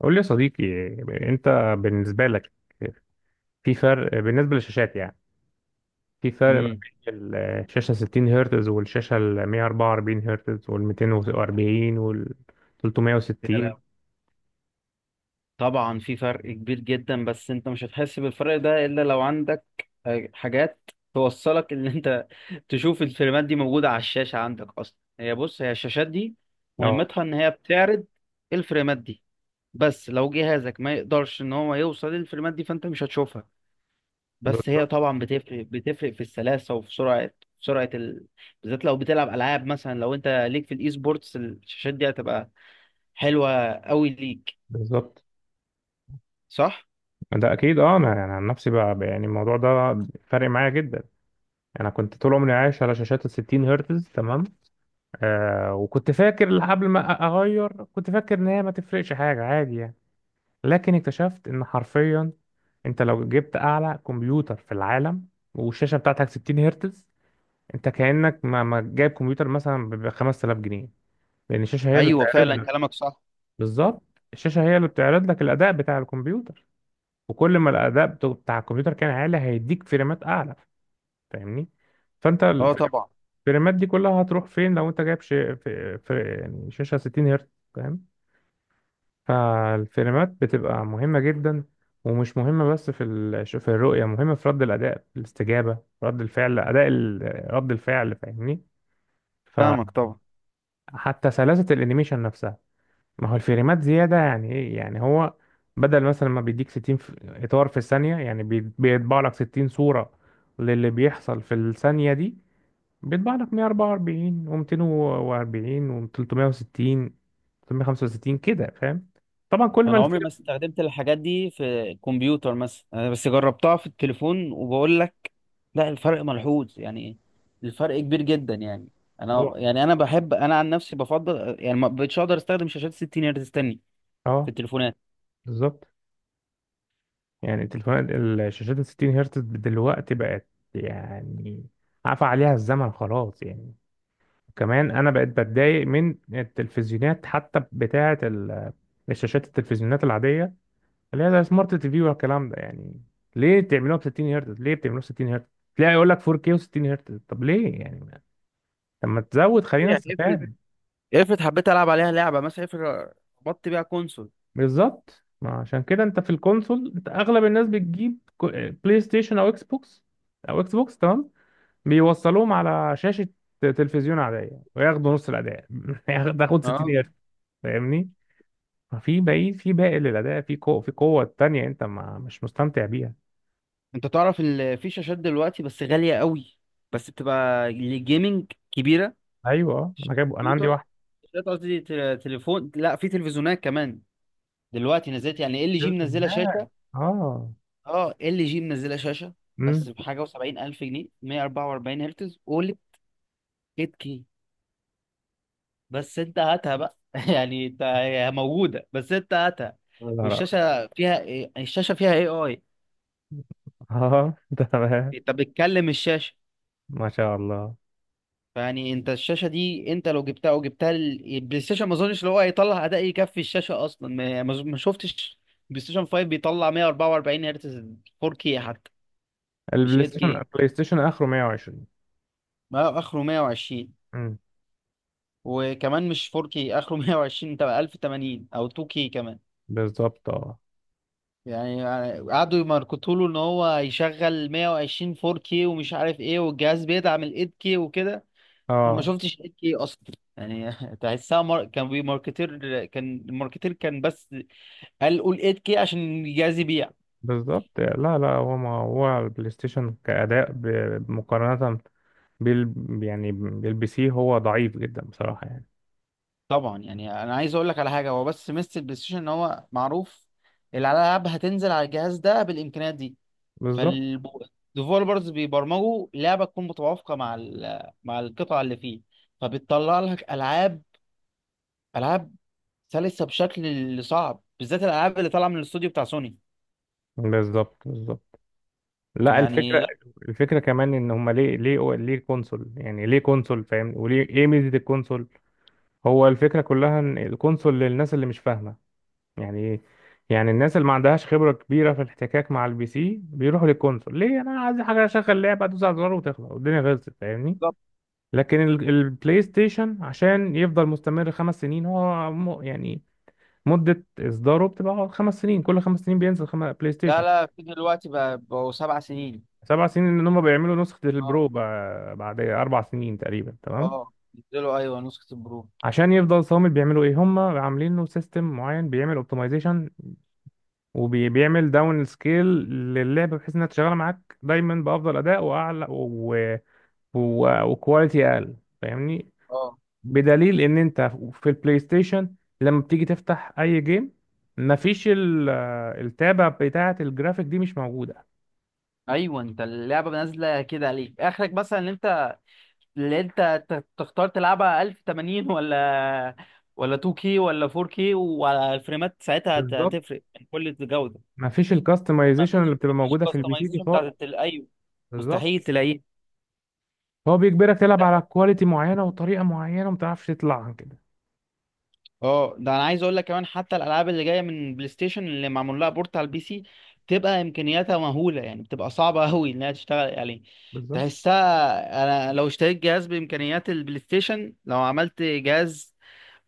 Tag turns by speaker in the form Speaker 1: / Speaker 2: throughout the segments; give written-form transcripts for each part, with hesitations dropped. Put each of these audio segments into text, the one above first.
Speaker 1: قول لي يا صديقي. انت، بالنسبه لك، في فرق بالنسبه للشاشات يعني؟ في فرق ما
Speaker 2: امم
Speaker 1: بين الشاشه 60 هرتز والشاشه ال 144 هرتز وال 240 وال 360؟
Speaker 2: طبعا في فرق كبير جدا، بس انت مش هتحس بالفرق ده الا لو عندك حاجات توصلك ان انت تشوف الفيلمات دي موجودة على الشاشة عندك اصلا. هي، بص، هي الشاشات دي
Speaker 1: اه،
Speaker 2: مهمتها ان هي بتعرض الفيلمات دي، بس لو جهازك ما يقدرش ان هو يوصل للفيلمات دي فانت مش هتشوفها. بس هي
Speaker 1: بالظبط.
Speaker 2: طبعا بتفرق في السلاسة وفي سرعة سرعة ال... بالذات لو بتلعب العاب مثلا. لو انت ليك في الاي سبورتس، الشاشات دي هتبقى حلوة قوي ليك.
Speaker 1: بالظبط،
Speaker 2: صح.
Speaker 1: ده اكيد. اه، انا يعني عن نفسي بقى يعني الموضوع ده فارق معايا جدا. انا كنت طول عمري عايش على شاشات ال 60 هرتز، تمام. آه، وكنت فاكر قبل ما اغير، كنت فاكر ان هي ما تفرقش حاجه، عادي يعني. لكن اكتشفت ان حرفيا انت لو جبت اعلى كمبيوتر في العالم والشاشه بتاعتك 60 هرتز، انت كانك ما جايب كمبيوتر، مثلا ب 5000 جنيه. لان الشاشه هي اللي
Speaker 2: ايوه
Speaker 1: بتعرض
Speaker 2: فعلا
Speaker 1: لك.
Speaker 2: كلامك صح.
Speaker 1: بالظبط. الشاشه هي اللي بتعرض لك الاداء بتاع الكمبيوتر. وكل ما الاداء بتاع الكمبيوتر كان عالي، هيديك فريمات اعلى. فاهمني؟ فانت،
Speaker 2: اه طبعا.
Speaker 1: الفريمات دي كلها هتروح فين لو انت جايب شي، يعني شاشه 60 هرتز؟ فالفريمات بتبقى مهمة جدا. ومش مهمة بس في في الرؤية، مهمة في رد الأداء، في الاستجابة. رد الفعل. رد الفعل، فاهمني؟
Speaker 2: فاهمك طبعا.
Speaker 1: فحتى سلاسة الأنيميشن نفسها. ما هو الفريمات زيادة يعني إيه؟ يعني هو بدل مثلا ما بيديك 60 إطار في الثانية، يعني بيطبع لك 60 صورة للي بيحصل في الثانية دي. بيطبع لك 144 و240 و360، 365 كده، فاهم؟ طبعا كل ما
Speaker 2: انا عمري
Speaker 1: الفيلم.
Speaker 2: ما استخدمت الحاجات دي في الكمبيوتر مثلا، انا بس جربتها في التليفون وبقول لك لا، الفرق ملحوظ يعني، الفرق كبير جدا يعني. انا
Speaker 1: طبعا،
Speaker 2: يعني انا عن نفسي بفضل يعني ما بقتش اقدر استخدم شاشات 60 هرتز تاني في
Speaker 1: اه،
Speaker 2: التليفونات.
Speaker 1: بالظبط. يعني التليفونات، الشاشات ال 60 هرتز دلوقتي بقت يعني عفى عليها الزمن خلاص يعني. كمان انا بقيت بتضايق من التلفزيونات حتى، بتاعه الشاشات، التلفزيونات العاديه اللي هي زي سمارت تي في والكلام ده يعني. ليه بتعملوها ب 60 هرتز؟ ليه بتعملوها 60 هرتز؟ تلاقي يقول لك 4K و60 هرتز، طب ليه يعني؟ طب ما تزود، خلينا
Speaker 2: يعني افرض،
Speaker 1: نستفاد.
Speaker 2: حبيت العب عليها لعبه مثلا، افرض ربطت بيها كونسول.
Speaker 1: بالظبط. ما عشان كده انت في الكونسول، انت اغلب الناس بتجيب بلاي ستيشن او اكس بوكس. تمام. بيوصلوهم على شاشة تلفزيون عادية وياخدوا نص الأداء تاخد 60
Speaker 2: اه،
Speaker 1: قرش. فاهمني؟ ففي باقي للأداء، في قوة تانية أنت ما مش مستمتع بيها.
Speaker 2: انت تعرف ان في شاشات دلوقتي بس غاليه قوي، بس بتبقى للجيمنج كبيره.
Speaker 1: أيوه، آه. أنا جايبه، أنا عندي
Speaker 2: كمبيوتر،
Speaker 1: واحد.
Speaker 2: شاشات قصدي تليفون، لا في تلفزيونات كمان. دلوقتي نزلت يعني ال جي
Speaker 1: شلت
Speaker 2: منزله
Speaker 1: هناك،
Speaker 2: شاشه.
Speaker 1: أه.
Speaker 2: اه ال جي منزله شاشه بس
Speaker 1: أمم
Speaker 2: بحاجه و70 الف جنيه، 144 هرتز اولد 8 كي. بس انت هاتها بقى يعني انت هي موجوده بس انت هاتها.
Speaker 1: يا نهار أبيض.
Speaker 2: والشاشه فيها إيه؟ الشاشه فيها اي.
Speaker 1: أه تمام،
Speaker 2: انت بتكلم الشاشه.
Speaker 1: ما شاء الله.
Speaker 2: فيعني انت الشاشه دي انت لو جبتها او جبتها البلاي ستيشن، ما اظنش اللي هو هيطلع اداء يكفي الشاشه اصلا. ما شفتش بلاي ستيشن 5 بيطلع 144 هرتز 4K حتى، مش
Speaker 1: البلاي ستيشن
Speaker 2: 8K.
Speaker 1: البلاي ستيشن آخره 120.
Speaker 2: ما اخره 120،
Speaker 1: أمم
Speaker 2: وكمان مش 4K، اخره 120، تبقى 1080 او 2K كمان.
Speaker 1: بالظبط، أه.
Speaker 2: يعني قعدوا يماركتوا له ان هو هيشغل 120 4K ومش عارف ايه، والجهاز بيدعم ال 8K وكده. انا ما
Speaker 1: أه،
Speaker 2: شفتش 8K اصلا يعني تحسها كان الماركتير كان، بس قول 8K عشان الجهاز يبيع.
Speaker 1: بالظبط. لا لا، هو ما هو البلاي ستيشن كأداء مقارنة بيل يعني بيلبسيه، هو ضعيف جدا بصراحة يعني.
Speaker 2: طبعا، يعني انا عايز اقول لك على حاجه، هو بس ميزه البلاي ستيشن ان هو معروف الالعاب هتنزل على الجهاز ده بالامكانيات دي.
Speaker 1: بالظبط.
Speaker 2: فالديفولبرز بيبرمجوا لعبه تكون متوافقه مع مع القطع اللي فيه. فبتطلع لك العاب سلسه بشكل صعب، بالذات الالعاب اللي طالعه من الاستوديو بتاع سوني.
Speaker 1: بالظبط. بالظبط. لا، يعني
Speaker 2: يعني،
Speaker 1: الفكرة.
Speaker 2: لا،
Speaker 1: كمان ان هما ليه ليه ليه كونسول، يعني ليه كونسول، فاهم؟ وليه ايه ميزة الكونسول؟ هو الفكرة كلها ان الكونسول للناس اللي مش فاهمة يعني ايه. يعني الناس اللي ما عندهاش خبرة كبيرة في الاحتكاك مع البي سي بيروحوا للكونسول. ليه؟ انا عايز حاجة اشغل لعبة، ادوس على الزرار وتخلص والدنيا خلصت، فاهمني؟
Speaker 2: بالظبط.
Speaker 1: لكن البلاي ستيشن عشان يفضل مستمر 5 سنين يعني مدة إصداره بتبقى 5 سنين، كل 5 سنين بينزل بلاي
Speaker 2: لا
Speaker 1: ستيشن.
Speaker 2: لا، في دلوقتي بقى بقوا 7 سنين.
Speaker 1: 7 سنين إن هم بيعملوا نسخة
Speaker 2: اه.
Speaker 1: البرو بعد 4 سنين تقريبا، تمام.
Speaker 2: اه نزلوا، ايوه نسخه البرو.
Speaker 1: عشان يفضل صامد بيعملوا إيه؟ هم عاملين له سيستم معين بيعمل أوبتمايزيشن وبيعمل داون سكيل للعبة، بحيث إنها تشتغل معاك دايما بأفضل أداء وأعلى وكواليتي أقل، فاهمني؟
Speaker 2: اه.
Speaker 1: بدليل إن أنت في البلاي ستيشن لما بتيجي تفتح أي جيم، مفيش التابة بتاعة الجرافيك دي، مش موجودة.
Speaker 2: ايوه، انت اللعبه نازله كده عليك، اخرك مثلا ان انت تختار تلعبها 1080 ولا 2K ولا 4K، وعلى الفريمات ساعتها
Speaker 1: بالظبط.
Speaker 2: هتفرق يعني، كل الجوده.
Speaker 1: ما فيش
Speaker 2: طب ما
Speaker 1: الكاستمايزيشن اللي
Speaker 2: فيش
Speaker 1: بتبقى
Speaker 2: ما فيش
Speaker 1: موجوده في البي سي دي
Speaker 2: كاستمايزيشن بتاعت
Speaker 1: خالص.
Speaker 2: ايوه.
Speaker 1: بالظبط.
Speaker 2: مستحيل تلاقيه.
Speaker 1: هو بيجبرك تلعب على كواليتي معينه وطريقه معينه وما تعرفش تطلع عن كده.
Speaker 2: اه، ده انا عايز اقول لك كمان، حتى الالعاب اللي جايه من بلاي ستيشن اللي معمول لها بورت على البي سي بتبقى امكانياتها مهوله، يعني بتبقى صعبه قوي انها تشتغل عليه.
Speaker 1: بالظبط.
Speaker 2: تحسها، انا لو اشتريت جهاز بامكانيات البلاي ستيشن، لو عملت جهاز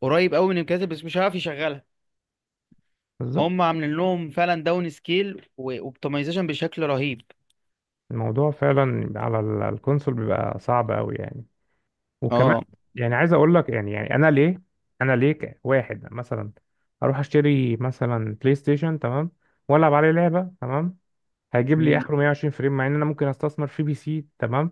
Speaker 2: قريب قوي من الامكانيات بس مش عارف يشغلها.
Speaker 1: بالظبط.
Speaker 2: هم عاملين لهم فعلا داون سكيل واوبتمايزيشن بشكل رهيب.
Speaker 1: الموضوع فعلا على الكونسول بيبقى صعب قوي يعني. وكمان
Speaker 2: اه.
Speaker 1: يعني عايز اقول لك يعني، انا ليه، واحد مثلا اروح اشتري مثلا بلاي ستيشن تمام، والعب عليه لعبه تمام، هيجيب لي
Speaker 2: امم
Speaker 1: اخره 120 فريم، مع ان انا ممكن استثمر في بي سي، تمام.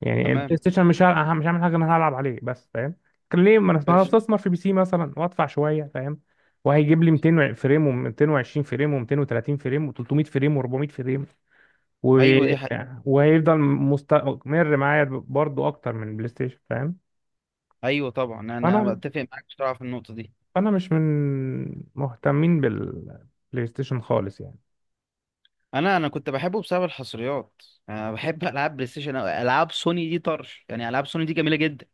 Speaker 1: يعني
Speaker 2: تمام.
Speaker 1: البلاي ستيشن مش هعمل حاجه، انا هلعب عليه بس، فاهم؟ كان ليه ما انا ما أنا
Speaker 2: قشطة.
Speaker 1: استثمر في بي سي مثلا وادفع شويه، فاهم؟ وهيجيب لي 200 فريم و220 فريم و230 فريم و300 فريم و400 فريم و...
Speaker 2: ايوه دي حقيقة.
Speaker 1: وهيفضل مستمر معايا برضو اكتر من البلاي ستيشن، فاهم؟
Speaker 2: ايوه طبعا، انا
Speaker 1: فانا
Speaker 2: بتفق معاك بصراحة في النقطة دي.
Speaker 1: فانا مش من مهتمين بالبلاي ستيشن خالص يعني.
Speaker 2: انا كنت بحبه بسبب الحصريات. انا بحب العاب بلاي ستيشن أوي. العاب سوني دي طرش يعني، العاب سوني دي جميلة جدا.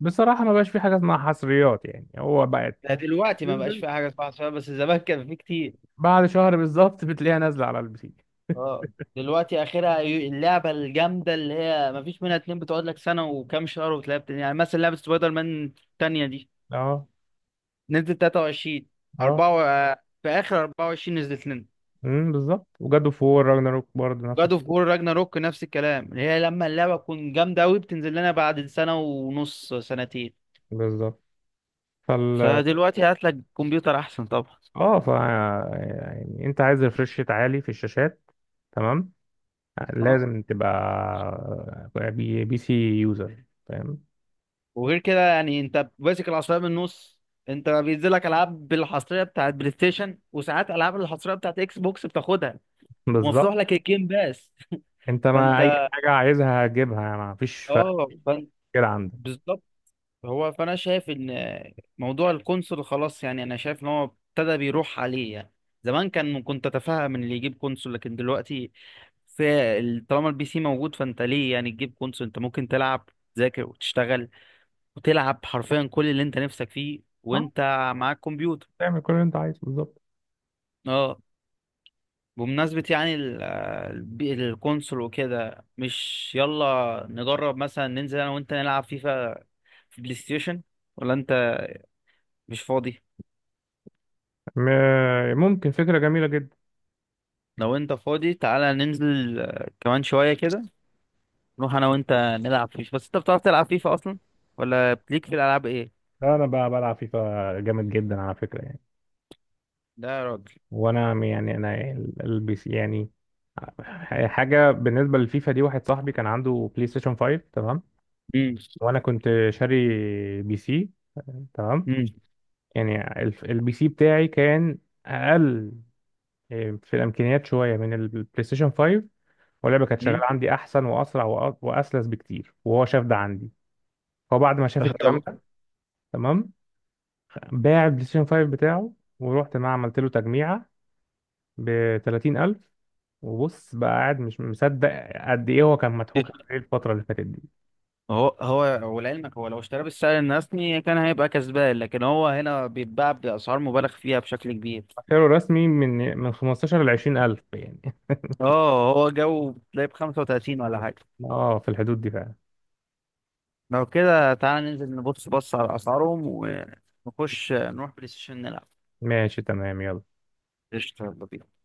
Speaker 1: بصراحه ما بقاش في حاجه اسمها حصريات، يعني هو بقت
Speaker 2: لا دلوقتي ما بقاش
Speaker 1: بتنزل
Speaker 2: فيها حاجة اسمها حصريات، بس زمان كان في كتير.
Speaker 1: بعد شهر بالظبط، بتلاقيها نازله على البي سي.
Speaker 2: اه دلوقتي اخرها اللعبة الجامدة اللي هي ما فيش منها اتنين بتقعد لك سنة وكام شهر وتلاقيها يعني مثلا لعبة سبايدر مان التانية دي،
Speaker 1: اه.
Speaker 2: نزلت 23
Speaker 1: اه.
Speaker 2: 4، في اخر 24 نزلت لنا.
Speaker 1: بالظبط. وجاد اوف وور راجناروك برضه نفسك.
Speaker 2: جاد اوف وور راجناروك نفس الكلام، اللي هي لما اللعبه تكون جامده قوي بتنزل لنا بعد سنه ونص، سنتين.
Speaker 1: بالظبط. فال
Speaker 2: فدلوقتي هات لك كمبيوتر احسن طبعا.
Speaker 1: اه، ف يعني انت عايز ريفرش ريت عالي في الشاشات، تمام،
Speaker 2: اه،
Speaker 1: لازم تبقى بي سي يوزر، فاهم؟
Speaker 2: وغير كده يعني انت ماسك العصايه من النص. انت بينزل لك العاب بالحصريه بتاعت بلاي ستيشن، وساعات العاب الحصريه بتاعت اكس بوكس بتاخدها،
Speaker 1: بالظبط.
Speaker 2: ومفتوح لك الجيم باس.
Speaker 1: انت ما اي
Speaker 2: فانت
Speaker 1: حاجه عايزها هتجيبها، يعني ما فيش فرق
Speaker 2: اه فانت
Speaker 1: كده عندك.
Speaker 2: هو فانا شايف ان موضوع القنصل خلاص يعني، انا شايف ان هو ابتدى بيروح عليه يعني. زمان كان، كنت اتفهم ان اللي يجيب قنصل، لكن دلوقتي في طالما البي سي موجود فانت ليه يعني تجيب قنصل؟ انت ممكن تلعب، تذاكر وتشتغل، وتلعب حرفيا كل اللي انت نفسك فيه
Speaker 1: اه.
Speaker 2: وانت معاك كمبيوتر.
Speaker 1: تعمل كل اللي انت عايزه، بالظبط.
Speaker 2: اه. بمناسبة يعني القنصل وكده، مش يلا نجرب مثلا، ننزل انا وانت نلعب فيفا في بلاي ستيشن؟ ولا انت مش فاضي؟
Speaker 1: ممكن، فكره جميله جدا.
Speaker 2: لو انت فاضي تعالى ننزل، كمان شوية كده نروح انا وانت نلعب فيفا. بس انت بتعرف تلعب فيفا اصلا؟ ولا بليك في الالعاب ايه؟
Speaker 1: لا، انا بقى بلعب فيفا جامد جدا على فكره يعني.
Speaker 2: لا يا راجل.
Speaker 1: وانا يعني انا، البي سي يعني حاجه. بالنسبه للفيفا دي، واحد صاحبي كان عنده بلاي ستيشن 5 تمام،
Speaker 2: امم
Speaker 1: وانا كنت شاري بي سي، تمام.
Speaker 2: امم
Speaker 1: يعني البي سي بتاعي كان اقل، إيه، في الامكانيات شويه من البلاي ستيشن 5. واللعبه كانت شغاله
Speaker 2: امم
Speaker 1: عندي احسن واسرع واسلس بكتير، وهو شاف ده عندي. هو بعد ما شاف الكلام
Speaker 2: طب
Speaker 1: ده، تمام، باع البلاي ستيشن 5 بتاعه، ورحت معاه عملت له تجميعه ب 30,000. وبص بقى قاعد مش مصدق قد ايه هو كان مضحوك عليه الفتره اللي فاتت دي.
Speaker 2: هو هو، ولعلمك هو لو اشترى بالسعر الرسمي كان هيبقى كسبان، لكن هو هنا بيتباع بأسعار مبالغ فيها بشكل كبير.
Speaker 1: سعره رسمي من 15 ل 20 ألف يعني.
Speaker 2: اه، هو جو بتلاقيه ب35 ولا حاجة.
Speaker 1: اه، في الحدود دي فعلا.
Speaker 2: لو كده تعالى ننزل بص على أسعارهم، ونخش نروح بلاي ستيشن نلعب.
Speaker 1: ماشي، تمام، يلا.
Speaker 2: قشطة، يلا بينا.